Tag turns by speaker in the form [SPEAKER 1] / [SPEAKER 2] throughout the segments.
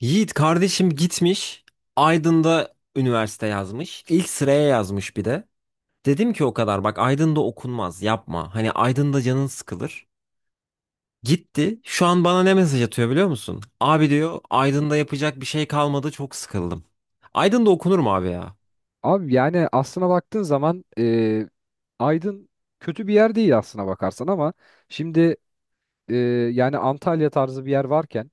[SPEAKER 1] Yiğit kardeşim gitmiş. Aydın'da üniversite yazmış. İlk sıraya yazmış bir de. Dedim ki o kadar bak Aydın'da okunmaz yapma. Hani Aydın'da canın sıkılır. Gitti. Şu an bana ne mesaj atıyor biliyor musun? Abi diyor Aydın'da yapacak bir şey kalmadı çok sıkıldım. Aydın'da okunur mu abi ya?
[SPEAKER 2] Abi yani aslına baktığın zaman Aydın kötü bir yer değil aslına bakarsan ama şimdi e, yani Antalya tarzı bir yer varken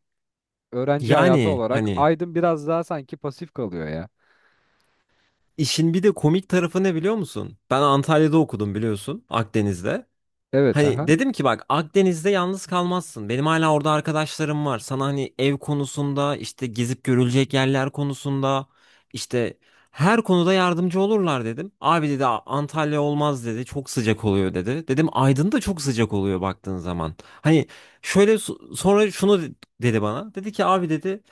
[SPEAKER 2] öğrenci hayatı
[SPEAKER 1] Yani
[SPEAKER 2] olarak
[SPEAKER 1] hani
[SPEAKER 2] Aydın biraz daha sanki pasif kalıyor ya.
[SPEAKER 1] işin bir de komik tarafı ne biliyor musun? Ben Antalya'da okudum biliyorsun Akdeniz'de.
[SPEAKER 2] Evet
[SPEAKER 1] Hani
[SPEAKER 2] aha.
[SPEAKER 1] dedim ki bak Akdeniz'de yalnız kalmazsın. Benim hala orada arkadaşlarım var. Sana hani ev konusunda, işte gezip görülecek yerler konusunda, işte her konuda yardımcı olurlar dedim. Abi dedi, Antalya olmaz," dedi. "Çok sıcak oluyor," dedi. Dedim Aydın da çok sıcak oluyor baktığın zaman. Hani şöyle sonra şunu dedi bana. Dedi ki abi dedi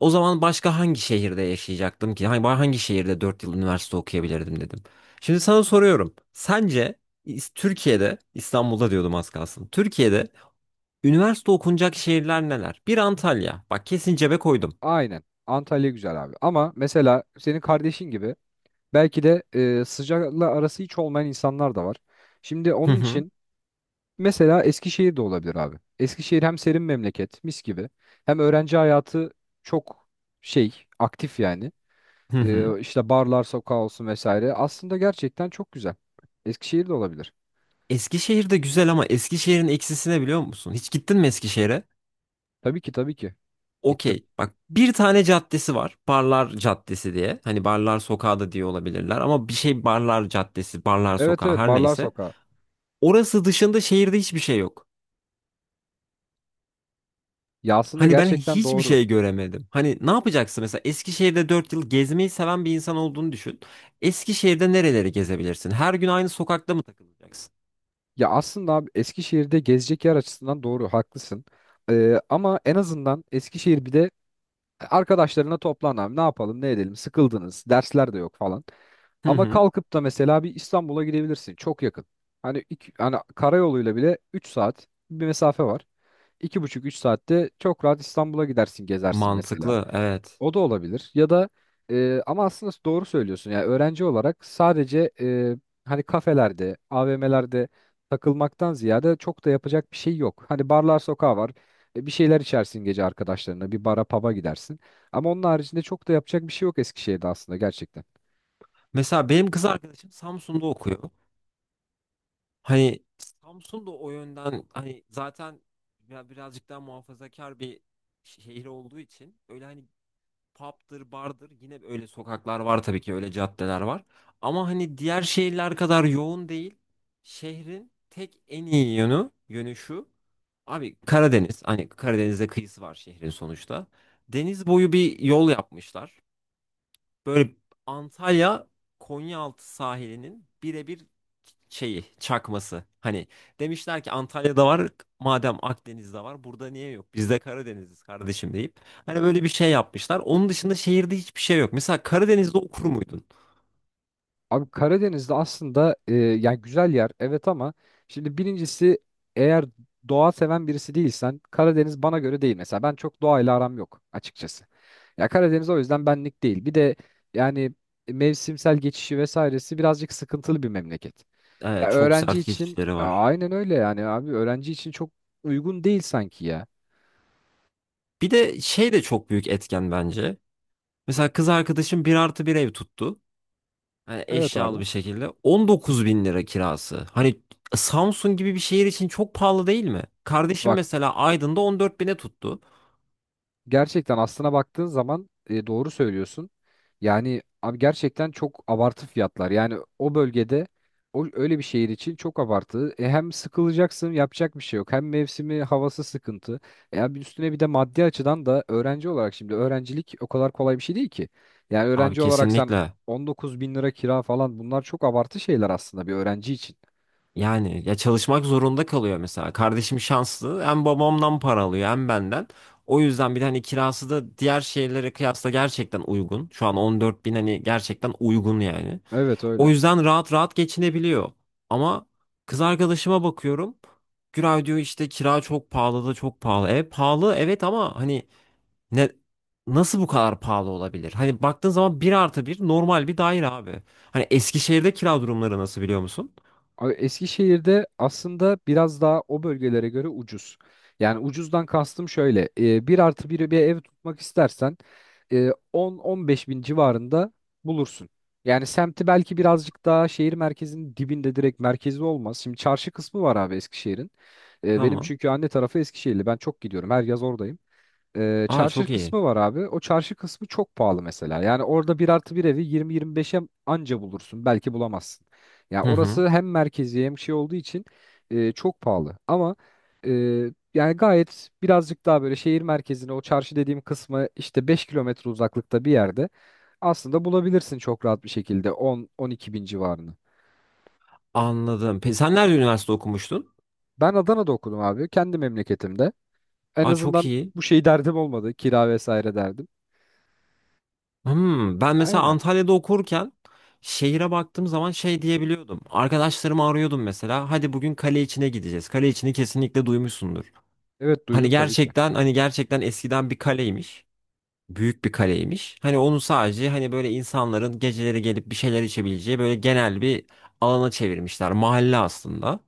[SPEAKER 1] o zaman başka hangi şehirde yaşayacaktım ki? Hani hangi şehirde 4 yıl üniversite okuyabilirdim dedim. Şimdi sana soruyorum. Sence Türkiye'de, İstanbul'da diyordum az kalsın. Türkiye'de üniversite okunacak şehirler neler? Bir Antalya. Bak kesin cebe koydum.
[SPEAKER 2] Aynen. Antalya güzel abi. Ama mesela senin kardeşin gibi belki de sıcakla arası hiç olmayan insanlar da var. Şimdi
[SPEAKER 1] Hı
[SPEAKER 2] onun
[SPEAKER 1] hı.
[SPEAKER 2] için mesela Eskişehir de olabilir abi. Eskişehir hem serin memleket mis gibi hem öğrenci hayatı çok şey aktif yani.
[SPEAKER 1] Hı hı.
[SPEAKER 2] E, işte barlar sokağı olsun vesaire. Aslında gerçekten çok güzel. Eskişehir'de olabilir.
[SPEAKER 1] Eskişehir de güzel ama Eskişehir'in eksisi ne biliyor musun? Hiç gittin mi Eskişehir'e?
[SPEAKER 2] Tabii ki tabii ki. Gittim.
[SPEAKER 1] Okey. Bak bir tane caddesi var. Barlar Caddesi diye. Hani Barlar Sokağı da diye olabilirler ama bir şey, Barlar Caddesi, Barlar
[SPEAKER 2] Evet
[SPEAKER 1] Sokağı
[SPEAKER 2] evet
[SPEAKER 1] her
[SPEAKER 2] barlar
[SPEAKER 1] neyse.
[SPEAKER 2] sokağı.
[SPEAKER 1] Orası dışında şehirde hiçbir şey yok.
[SPEAKER 2] Ya aslında
[SPEAKER 1] Hani ben
[SPEAKER 2] gerçekten
[SPEAKER 1] hiçbir
[SPEAKER 2] doğru.
[SPEAKER 1] şey göremedim. Hani ne yapacaksın mesela Eskişehir'de 4 yıl gezmeyi seven bir insan olduğunu düşün. Eskişehir'de nereleri gezebilirsin? Her gün aynı sokakta mı takılacaksın?
[SPEAKER 2] Ya aslında abi Eskişehir'de gezecek yer açısından doğru haklısın. Ama en azından Eskişehir bir de arkadaşlarına toplan abi ne yapalım ne edelim sıkıldınız dersler de yok falan.
[SPEAKER 1] Hı
[SPEAKER 2] Ama
[SPEAKER 1] hı.
[SPEAKER 2] kalkıp da mesela bir İstanbul'a gidebilirsin çok yakın. Hani, karayoluyla bile 3 saat bir mesafe var. 2,5-3 saatte çok rahat İstanbul'a gidersin gezersin mesela.
[SPEAKER 1] Mantıklı, evet.
[SPEAKER 2] O da olabilir. Ya da ama aslında doğru söylüyorsun. Yani öğrenci olarak sadece hani kafelerde, AVM'lerde takılmaktan ziyade çok da yapacak bir şey yok. Hani barlar sokağı var. Bir şeyler içersin gece arkadaşlarına. Bir bara pub'a gidersin. Ama onun haricinde çok da yapacak bir şey yok Eskişehir'de aslında gerçekten.
[SPEAKER 1] Mesela benim kız arkadaşım Samsun'da okuyor. Hani Samsun'da o yönden hani zaten ya birazcık daha muhafazakar bir şehir olduğu için öyle hani pub'dır, bardır. Yine öyle sokaklar var tabii ki, öyle caddeler var. Ama hani diğer şehirler kadar yoğun değil. Şehrin tek en iyi yönü şu. Abi Karadeniz, hani Karadeniz'de kıyısı var şehrin sonuçta. Deniz boyu bir yol yapmışlar. Böyle Antalya Konyaaltı sahilinin birebir şeyi, çakması. Hani demişler ki Antalya'da var, madem Akdeniz'de var burada niye yok? Biz de Karadeniz'iz kardeşim deyip. Hani böyle bir şey yapmışlar. Onun dışında şehirde hiçbir şey yok. Mesela Karadeniz'de okur muydun?
[SPEAKER 2] Abi Karadeniz'de aslında yani güzel yer evet ama şimdi birincisi eğer doğa seven birisi değilsen Karadeniz bana göre değil. Mesela ben çok doğayla aram yok açıkçası. Ya Karadeniz o yüzden benlik değil. Bir de yani mevsimsel geçişi vesairesi birazcık sıkıntılı bir memleket. Ya
[SPEAKER 1] Çok
[SPEAKER 2] öğrenci
[SPEAKER 1] sert
[SPEAKER 2] için
[SPEAKER 1] geçişleri
[SPEAKER 2] Ya
[SPEAKER 1] var.
[SPEAKER 2] aynen öyle yani abi öğrenci için çok uygun değil sanki ya.
[SPEAKER 1] Bir de şey de çok büyük etken bence. Mesela kız arkadaşım bir artı bir ev tuttu. Yani
[SPEAKER 2] Evet abi.
[SPEAKER 1] eşyalı bir şekilde. 19 bin lira kirası. Hani Samsun gibi bir şehir için çok pahalı değil mi? Kardeşim
[SPEAKER 2] Bak.
[SPEAKER 1] mesela Aydın'da 14 bine tuttu.
[SPEAKER 2] Gerçekten aslına baktığın zaman doğru söylüyorsun. Yani abi gerçekten çok abartı fiyatlar. Yani o bölgede o öyle bir şehir için çok abartı. Hem sıkılacaksın, yapacak bir şey yok. Hem mevsimi, havası sıkıntı. Abi üstüne bir de maddi açıdan da öğrenci olarak şimdi öğrencilik o kadar kolay bir şey değil ki. Yani
[SPEAKER 1] Abi
[SPEAKER 2] öğrenci olarak sen
[SPEAKER 1] kesinlikle.
[SPEAKER 2] 19 bin lira kira falan bunlar çok abartı şeyler aslında bir öğrenci için.
[SPEAKER 1] Yani ya çalışmak zorunda kalıyor mesela. Kardeşim şanslı. Hem babamdan para alıyor hem benden. O yüzden bir de hani kirası da diğer şehirlere kıyasla gerçekten uygun. Şu an 14 bin hani gerçekten uygun yani.
[SPEAKER 2] Evet
[SPEAKER 1] O
[SPEAKER 2] öyle.
[SPEAKER 1] yüzden rahat rahat geçinebiliyor. Ama kız arkadaşıma bakıyorum. Güray diyor işte kira çok pahalı da çok pahalı. E pahalı evet ama hani ne, nasıl bu kadar pahalı olabilir? Hani baktığın zaman bir artı bir normal bir daire abi. Hani Eskişehir'de kira durumları nasıl biliyor musun?
[SPEAKER 2] Eskişehir'de aslında biraz daha o bölgelere göre ucuz. Yani ucuzdan kastım şöyle. 1 artı 1'i bir ev tutmak istersen 10-15 bin civarında bulursun. Yani semti belki birazcık daha şehir merkezinin dibinde direkt merkezi olmaz. Şimdi çarşı kısmı var abi Eskişehir'in. Benim
[SPEAKER 1] Tamam.
[SPEAKER 2] çünkü anne tarafı Eskişehirli. Ben çok gidiyorum. Her yaz oradayım
[SPEAKER 1] Aa
[SPEAKER 2] çarşı
[SPEAKER 1] çok iyi.
[SPEAKER 2] kısmı var abi. O çarşı kısmı çok pahalı mesela. Yani orada bir artı bir evi 20-25'e anca bulursun. Belki bulamazsın. Ya
[SPEAKER 1] Hı hı.
[SPEAKER 2] orası hem merkezi hem şey olduğu için çok pahalı. Ama e, yani gayet birazcık daha böyle şehir merkezine o çarşı dediğim kısmı işte 5 kilometre uzaklıkta bir yerde aslında bulabilirsin çok rahat bir şekilde 10-12 bin civarını.
[SPEAKER 1] Anladım. Sen nerede üniversite okumuştun?
[SPEAKER 2] Ben Adana'da okudum abi. Kendi memleketimde. En
[SPEAKER 1] Aa çok
[SPEAKER 2] azından
[SPEAKER 1] iyi.
[SPEAKER 2] bu şey derdim olmadı. Kira vesaire derdim.
[SPEAKER 1] Ben mesela
[SPEAKER 2] Aynen.
[SPEAKER 1] Antalya'da okurken şehire baktığım zaman şey diyebiliyordum. Arkadaşlarımı arıyordum mesela. Hadi bugün kale içine gideceğiz. Kale içini kesinlikle duymuşsundur.
[SPEAKER 2] Evet
[SPEAKER 1] Hani
[SPEAKER 2] duydum tabii ki.
[SPEAKER 1] gerçekten hani gerçekten eskiden bir kaleymiş. Büyük bir kaleymiş. Hani onu sadece hani böyle insanların geceleri gelip bir şeyler içebileceği böyle genel bir alana çevirmişler. Mahalle aslında.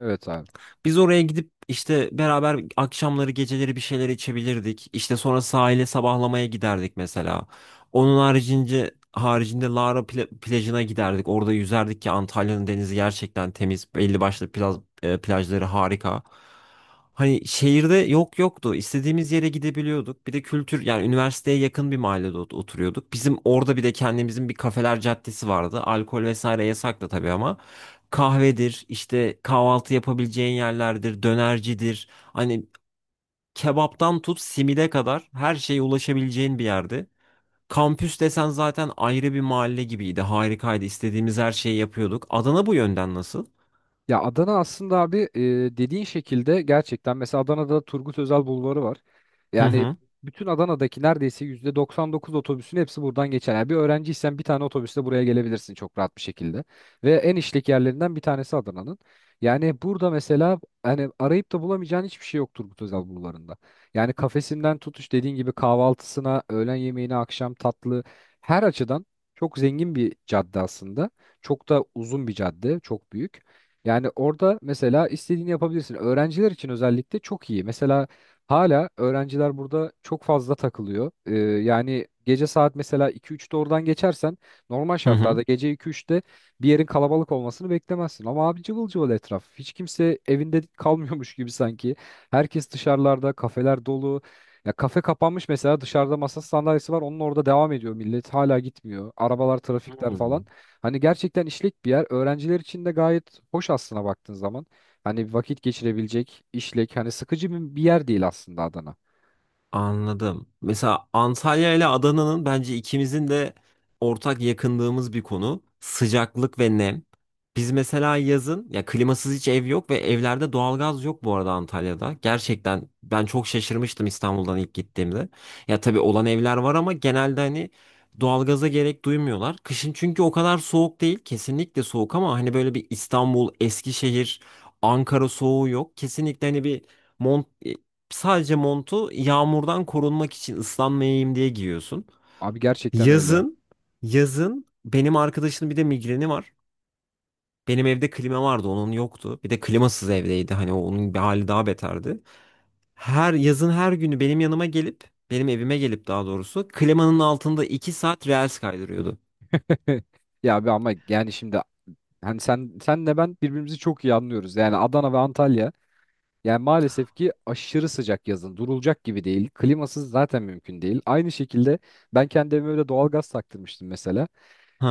[SPEAKER 2] Evet abi.
[SPEAKER 1] Biz oraya gidip işte beraber akşamları geceleri bir şeyler içebilirdik. İşte sonra sahile sabahlamaya giderdik mesela. Onun haricinde Lara plajına giderdik. Orada yüzerdik ki Antalya'nın denizi gerçekten temiz. Belli başlı plajları harika. Hani şehirde yok yoktu. İstediğimiz yere gidebiliyorduk. Bir de kültür, yani üniversiteye yakın bir mahallede oturuyorduk. Bizim orada bir de kendimizin bir kafeler caddesi vardı. Alkol vesaire yasaktı tabii ama kahvedir, işte kahvaltı yapabileceğin yerlerdir, dönercidir. Hani kebaptan tut simide kadar her şeye ulaşabileceğin bir yerdi. Kampüs desen zaten ayrı bir mahalle gibiydi. Harikaydı. İstediğimiz her şeyi yapıyorduk. Adana bu yönden nasıl?
[SPEAKER 2] Ya Adana aslında abi dediğin şekilde gerçekten mesela Adana'da Turgut Özal Bulvarı var.
[SPEAKER 1] Hı
[SPEAKER 2] Yani
[SPEAKER 1] hı.
[SPEAKER 2] bütün Adana'daki neredeyse %99 otobüsün hepsi buradan geçer. Yani bir öğrenciysen bir tane otobüsle buraya gelebilirsin çok rahat bir şekilde. Ve en işlek yerlerinden bir tanesi Adana'nın. Yani burada mesela hani arayıp da bulamayacağın hiçbir şey yok Turgut Özal Bulvarı'nda. Yani kafesinden tutuş dediğin gibi kahvaltısına, öğlen yemeğine, akşam tatlı her açıdan çok zengin bir cadde aslında. Çok da uzun bir cadde, çok büyük. Yani orada mesela istediğini yapabilirsin. Öğrenciler için özellikle çok iyi. Mesela hala öğrenciler burada çok fazla takılıyor. Yani gece saat mesela 2-3'te oradan geçersen normal
[SPEAKER 1] Hı hı.
[SPEAKER 2] şartlarda gece 2-3'te bir yerin kalabalık olmasını beklemezsin. Ama abi cıvıl cıvıl etraf. Hiç kimse evinde kalmıyormuş gibi sanki. Herkes dışarılarda, kafeler dolu. Ya kafe kapanmış mesela dışarıda masa sandalyesi var. Onun orada devam ediyor millet. Hala gitmiyor. Arabalar, trafikler
[SPEAKER 1] Hı.
[SPEAKER 2] falan. Hani gerçekten işlek bir yer. Öğrenciler için de gayet hoş aslına baktığın zaman. Hani vakit geçirebilecek işlek. Hani sıkıcı bir yer değil aslında Adana.
[SPEAKER 1] Anladım. Mesela Antalya ile Adana'nın bence ikimizin de ortak yakındığımız bir konu sıcaklık ve nem. Biz mesela yazın ya klimasız hiç ev yok ve evlerde doğalgaz yok bu arada Antalya'da. Gerçekten ben çok şaşırmıştım İstanbul'dan ilk gittiğimde. Ya tabii olan evler var ama genelde hani doğalgaza gerek duymuyorlar. Kışın çünkü o kadar soğuk değil. Kesinlikle soğuk ama hani böyle bir İstanbul, Eskişehir, Ankara soğuğu yok. Kesinlikle hani bir Mont Sadece montu yağmurdan korunmak için ıslanmayayım diye giyiyorsun.
[SPEAKER 2] Abi gerçekten öyle.
[SPEAKER 1] Yazın, yazın, benim arkadaşının bir de migreni var. Benim evde klima vardı, onun yoktu. Bir de klimasız evdeydi. Hani onun bir hali daha beterdi. Her yazın her günü benim yanıma gelip, benim evime gelip daha doğrusu klimanın altında 2 saat reels kaydırıyordu.
[SPEAKER 2] Ya abi ama yani şimdi hani senle ben birbirimizi çok iyi anlıyoruz. Yani Adana ve Antalya yani maalesef ki aşırı sıcak yazın. Durulacak gibi değil. Klimasız zaten mümkün değil. Aynı şekilde ben kendi evime de doğalgaz taktırmıştım mesela.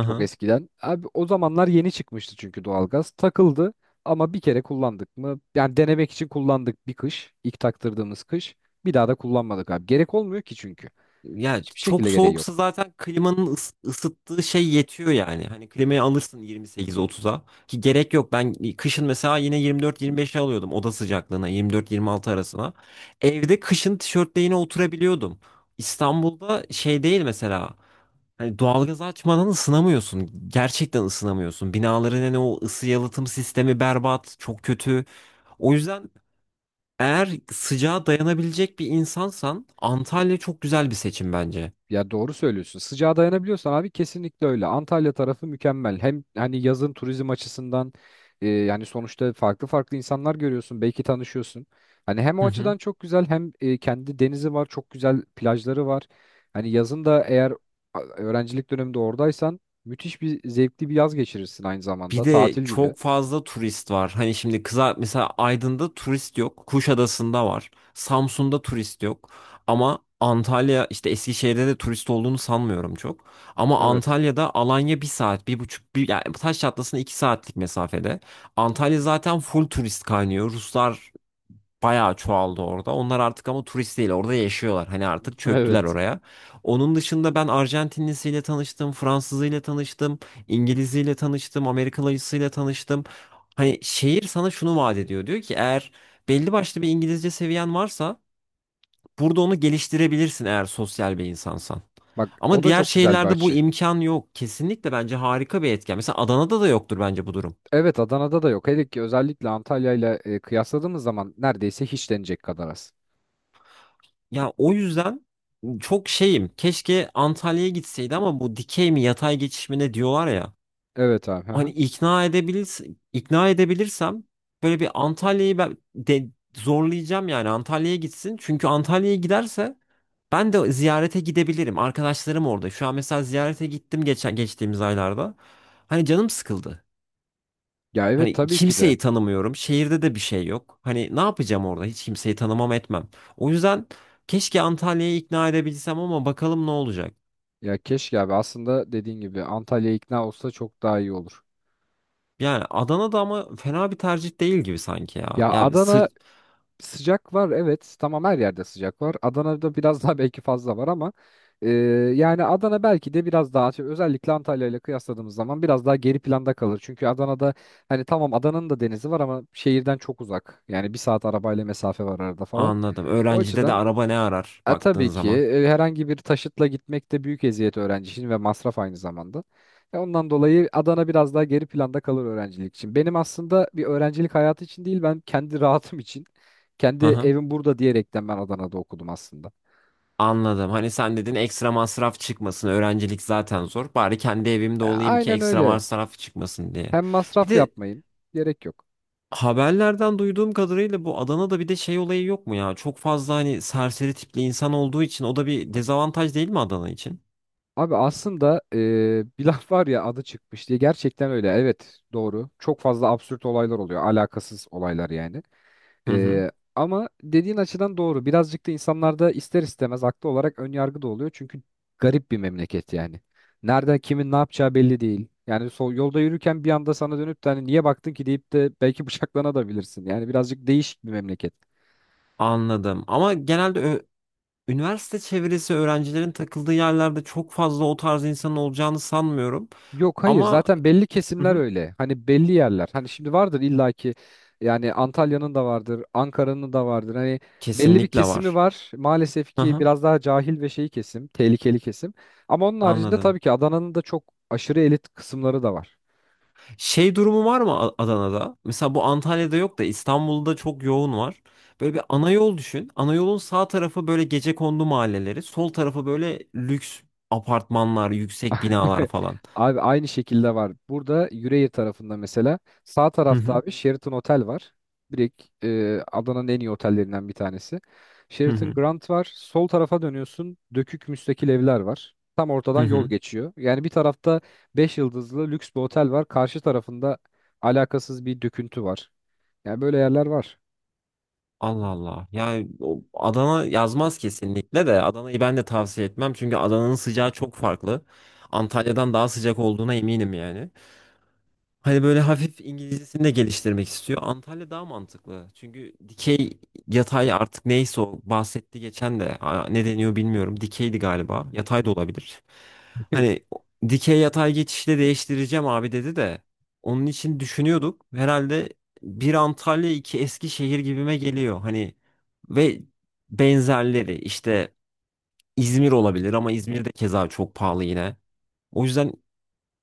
[SPEAKER 2] Çok eskiden. Abi o zamanlar yeni çıkmıştı çünkü doğalgaz. Takıldı ama bir kere kullandık mı? Yani denemek için kullandık bir kış. İlk taktırdığımız kış. Bir daha da kullanmadık abi. Gerek olmuyor ki çünkü.
[SPEAKER 1] Ya
[SPEAKER 2] Hiçbir
[SPEAKER 1] çok
[SPEAKER 2] şekilde gereği
[SPEAKER 1] soğuksa
[SPEAKER 2] yok.
[SPEAKER 1] zaten klimanın ısıttığı şey yetiyor yani. Hani klimayı alırsın 28-30'a ki gerek yok. Ben kışın mesela yine 24-25'e alıyordum oda sıcaklığına, 24-26 arasına. Evde kışın tişörtle yine oturabiliyordum. İstanbul'da şey değil mesela. Hani doğalgaz açmadan ısınamıyorsun. Gerçekten ısınamıyorsun. Binaların hani o ısı yalıtım sistemi berbat, çok kötü. O yüzden eğer sıcağa dayanabilecek bir insansan Antalya çok güzel bir seçim bence.
[SPEAKER 2] Ya doğru söylüyorsun. Sıcağa dayanabiliyorsan abi kesinlikle öyle. Antalya tarafı mükemmel. Hem hani yazın turizm açısından yani sonuçta farklı farklı insanlar görüyorsun. Belki tanışıyorsun. Hani hem
[SPEAKER 1] Hı
[SPEAKER 2] o
[SPEAKER 1] hı.
[SPEAKER 2] açıdan çok güzel hem kendi denizi var. Çok güzel plajları var. Hani yazın da eğer öğrencilik döneminde oradaysan müthiş bir zevkli bir yaz geçirirsin aynı
[SPEAKER 1] Bir
[SPEAKER 2] zamanda.
[SPEAKER 1] de
[SPEAKER 2] Tatil gibi.
[SPEAKER 1] çok fazla turist var. Hani şimdi kıza mesela Aydın'da turist yok. Kuşadası'nda var. Samsun'da turist yok. Ama Antalya işte, Eskişehir'de de turist olduğunu sanmıyorum çok. Ama
[SPEAKER 2] Evet.
[SPEAKER 1] Antalya'da Alanya bir saat, bir buçuk, bir, yani Taş Çatlası'na 2 saatlik mesafede. Antalya zaten full turist kaynıyor. Ruslar bayağı çoğaldı orada. Onlar artık ama turist değil, orada yaşıyorlar. Hani artık çöktüler
[SPEAKER 2] Evet.
[SPEAKER 1] oraya. Onun dışında ben Arjantinlisiyle tanıştım, Fransızıyla tanıştım, İngiliziyle tanıştım, Amerikalısıyla tanıştım. Hani şehir sana şunu vaat ediyor. Diyor ki eğer belli başlı bir İngilizce seviyen varsa burada onu geliştirebilirsin eğer sosyal bir insansan.
[SPEAKER 2] Bak o
[SPEAKER 1] Ama
[SPEAKER 2] da
[SPEAKER 1] diğer
[SPEAKER 2] çok güzel bir
[SPEAKER 1] şehirlerde bu
[SPEAKER 2] açı.
[SPEAKER 1] imkan yok. Kesinlikle bence harika bir etken. Mesela Adana'da da yoktur bence bu durum.
[SPEAKER 2] Evet Adana'da da yok. Hele ki özellikle Antalya ile kıyasladığımız zaman neredeyse hiç denecek kadar az.
[SPEAKER 1] Ya o yüzden çok şeyim. Keşke Antalya'ya gitseydi ama bu dikey mi yatay geçiş mi ne diyorlar ya.
[SPEAKER 2] Evet abi. Hı
[SPEAKER 1] Hani
[SPEAKER 2] hı.
[SPEAKER 1] ikna edebilirsem böyle bir Antalya'yı ben de zorlayacağım yani Antalya'ya gitsin. Çünkü Antalya'ya giderse ben de ziyarete gidebilirim. Arkadaşlarım orada. Şu an mesela ziyarete gittim geçtiğimiz aylarda. Hani canım sıkıldı.
[SPEAKER 2] Ya evet
[SPEAKER 1] Hani
[SPEAKER 2] tabii ki de.
[SPEAKER 1] kimseyi tanımıyorum. Şehirde de bir şey yok. Hani ne yapacağım orada? Hiç kimseyi tanımam etmem. O yüzden keşke Antalya'yı ikna edebilsem ama bakalım ne olacak.
[SPEAKER 2] Ya keşke abi aslında dediğin gibi Antalya ikna olsa çok daha iyi olur.
[SPEAKER 1] Yani Adana'da ama fena bir tercih değil gibi sanki ya.
[SPEAKER 2] Ya
[SPEAKER 1] Ya sı
[SPEAKER 2] Adana sıcak var evet tamam her yerde sıcak var. Adana'da biraz daha belki fazla var ama e, yani Adana belki de biraz daha şey, özellikle Antalya ile kıyasladığımız zaman biraz daha geri planda kalır. Çünkü Adana'da hani tamam Adana'nın da denizi var ama şehirden çok uzak. Yani 1 saat arabayla mesafe var arada falan.
[SPEAKER 1] Anladım.
[SPEAKER 2] O
[SPEAKER 1] Öğrencide de
[SPEAKER 2] açıdan
[SPEAKER 1] araba ne arar baktığın
[SPEAKER 2] Tabii ki
[SPEAKER 1] zaman.
[SPEAKER 2] herhangi bir taşıtla gitmek de büyük eziyet öğrenci için ve masraf aynı zamanda. Ondan dolayı Adana biraz daha geri planda kalır öğrencilik için. Benim aslında bir öğrencilik hayatı için değil ben kendi rahatım için. Kendi
[SPEAKER 1] Hı hı.
[SPEAKER 2] evim burada diyerekten ben Adana'da okudum aslında.
[SPEAKER 1] Anladım. Hani sen dedin ekstra masraf çıkmasın. Öğrencilik zaten zor. Bari kendi evimde
[SPEAKER 2] E,
[SPEAKER 1] olayım ki
[SPEAKER 2] aynen
[SPEAKER 1] ekstra
[SPEAKER 2] öyle.
[SPEAKER 1] masraf çıkmasın diye.
[SPEAKER 2] Hem
[SPEAKER 1] Bir
[SPEAKER 2] masraf
[SPEAKER 1] de
[SPEAKER 2] yapmayayım. Gerek yok.
[SPEAKER 1] haberlerden duyduğum kadarıyla bu Adana'da bir de şey olayı yok mu ya? Çok fazla hani serseri tipli insan olduğu için o da bir dezavantaj değil mi Adana için?
[SPEAKER 2] Abi aslında bir laf var ya adı çıkmış diye gerçekten öyle. Evet doğru. Çok fazla absürt olaylar oluyor. Alakasız olaylar yani.
[SPEAKER 1] Hı hı.
[SPEAKER 2] Eee, ama dediğin açıdan doğru. Birazcık da insanlarda ister istemez haklı olarak ön yargı da oluyor. Çünkü garip bir memleket yani. Nerede kimin ne yapacağı belli değil. Yani yolda yürürken bir anda sana dönüp de hani niye baktın ki deyip de belki bıçaklanabilirsin. Yani birazcık değişik bir memleket.
[SPEAKER 1] Anladım. Ama genelde üniversite çevresi öğrencilerin takıldığı yerlerde çok fazla o tarz insanın olacağını sanmıyorum.
[SPEAKER 2] Yok hayır
[SPEAKER 1] Ama
[SPEAKER 2] zaten belli
[SPEAKER 1] hı
[SPEAKER 2] kesimler
[SPEAKER 1] hı.
[SPEAKER 2] öyle. Hani belli yerler. Hani şimdi vardır illaki yani Antalya'nın da vardır, Ankara'nın da vardır. Hani belli bir
[SPEAKER 1] Kesinlikle
[SPEAKER 2] kesimi
[SPEAKER 1] var.
[SPEAKER 2] var. Maalesef
[SPEAKER 1] Hı
[SPEAKER 2] ki
[SPEAKER 1] hı.
[SPEAKER 2] biraz daha cahil ve şey kesim, tehlikeli kesim. Ama onun haricinde
[SPEAKER 1] Anladım.
[SPEAKER 2] tabii ki Adana'nın da çok aşırı elit kısımları da var.
[SPEAKER 1] Şey durumu var mı Adana'da? Mesela bu Antalya'da yok da İstanbul'da çok yoğun var. Böyle bir ana yol düşün. Ana yolun sağ tarafı böyle gecekondu mahalleleri, sol tarafı böyle lüks apartmanlar, yüksek binalar falan.
[SPEAKER 2] Abi aynı şekilde var. Burada Yüreğir tarafında mesela sağ
[SPEAKER 1] Hı
[SPEAKER 2] tarafta
[SPEAKER 1] hı.
[SPEAKER 2] abi Sheraton Otel var. Direkt Adana'nın en iyi otellerinden bir tanesi.
[SPEAKER 1] Hı
[SPEAKER 2] Sheraton
[SPEAKER 1] hı.
[SPEAKER 2] Grand var. Sol tarafa dönüyorsun. Dökük müstakil evler var. Tam
[SPEAKER 1] Hı
[SPEAKER 2] ortadan yol
[SPEAKER 1] hı.
[SPEAKER 2] geçiyor. Yani bir tarafta 5 yıldızlı lüks bir otel var. Karşı tarafında alakasız bir döküntü var. Yani böyle yerler var.
[SPEAKER 1] Allah Allah. Yani o Adana yazmaz kesinlikle de, Adana'yı ben de tavsiye etmem çünkü Adana'nın sıcağı çok farklı. Antalya'dan daha sıcak olduğuna eminim yani. Hani böyle hafif İngilizcesini de geliştirmek istiyor. Antalya daha mantıklı. Çünkü dikey yatay artık neyse o bahsetti geçen de. Aa, ne deniyor bilmiyorum. Dikeydi galiba. Yatay da olabilir. Hani dikey yatay geçişle değiştireceğim abi dedi de onun için düşünüyorduk. Herhalde bir Antalya iki Eskişehir gibime geliyor. Hani ve benzerleri işte İzmir olabilir ama İzmir de keza çok pahalı yine. O yüzden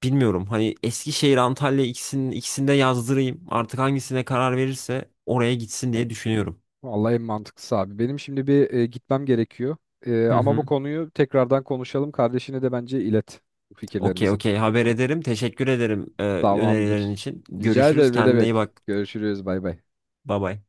[SPEAKER 1] bilmiyorum hani Eskişehir, Antalya ikisinde yazdırayım. Artık hangisine karar verirse oraya gitsin diye düşünüyorum.
[SPEAKER 2] Vallahi en mantıklısı abi. Benim şimdi bir gitmem gerekiyor. E,
[SPEAKER 1] Hı
[SPEAKER 2] ama
[SPEAKER 1] hı.
[SPEAKER 2] bu konuyu tekrardan konuşalım. Kardeşine de bence ilet bu
[SPEAKER 1] Okey,
[SPEAKER 2] fikirlerimizi.
[SPEAKER 1] okey, haber ederim. Teşekkür ederim önerilerin
[SPEAKER 2] Tamamdır.
[SPEAKER 1] için.
[SPEAKER 2] Rica
[SPEAKER 1] Görüşürüz.
[SPEAKER 2] ederim ne
[SPEAKER 1] Kendine iyi
[SPEAKER 2] demek.
[SPEAKER 1] bak.
[SPEAKER 2] Görüşürüz bay bay.
[SPEAKER 1] Bay bay.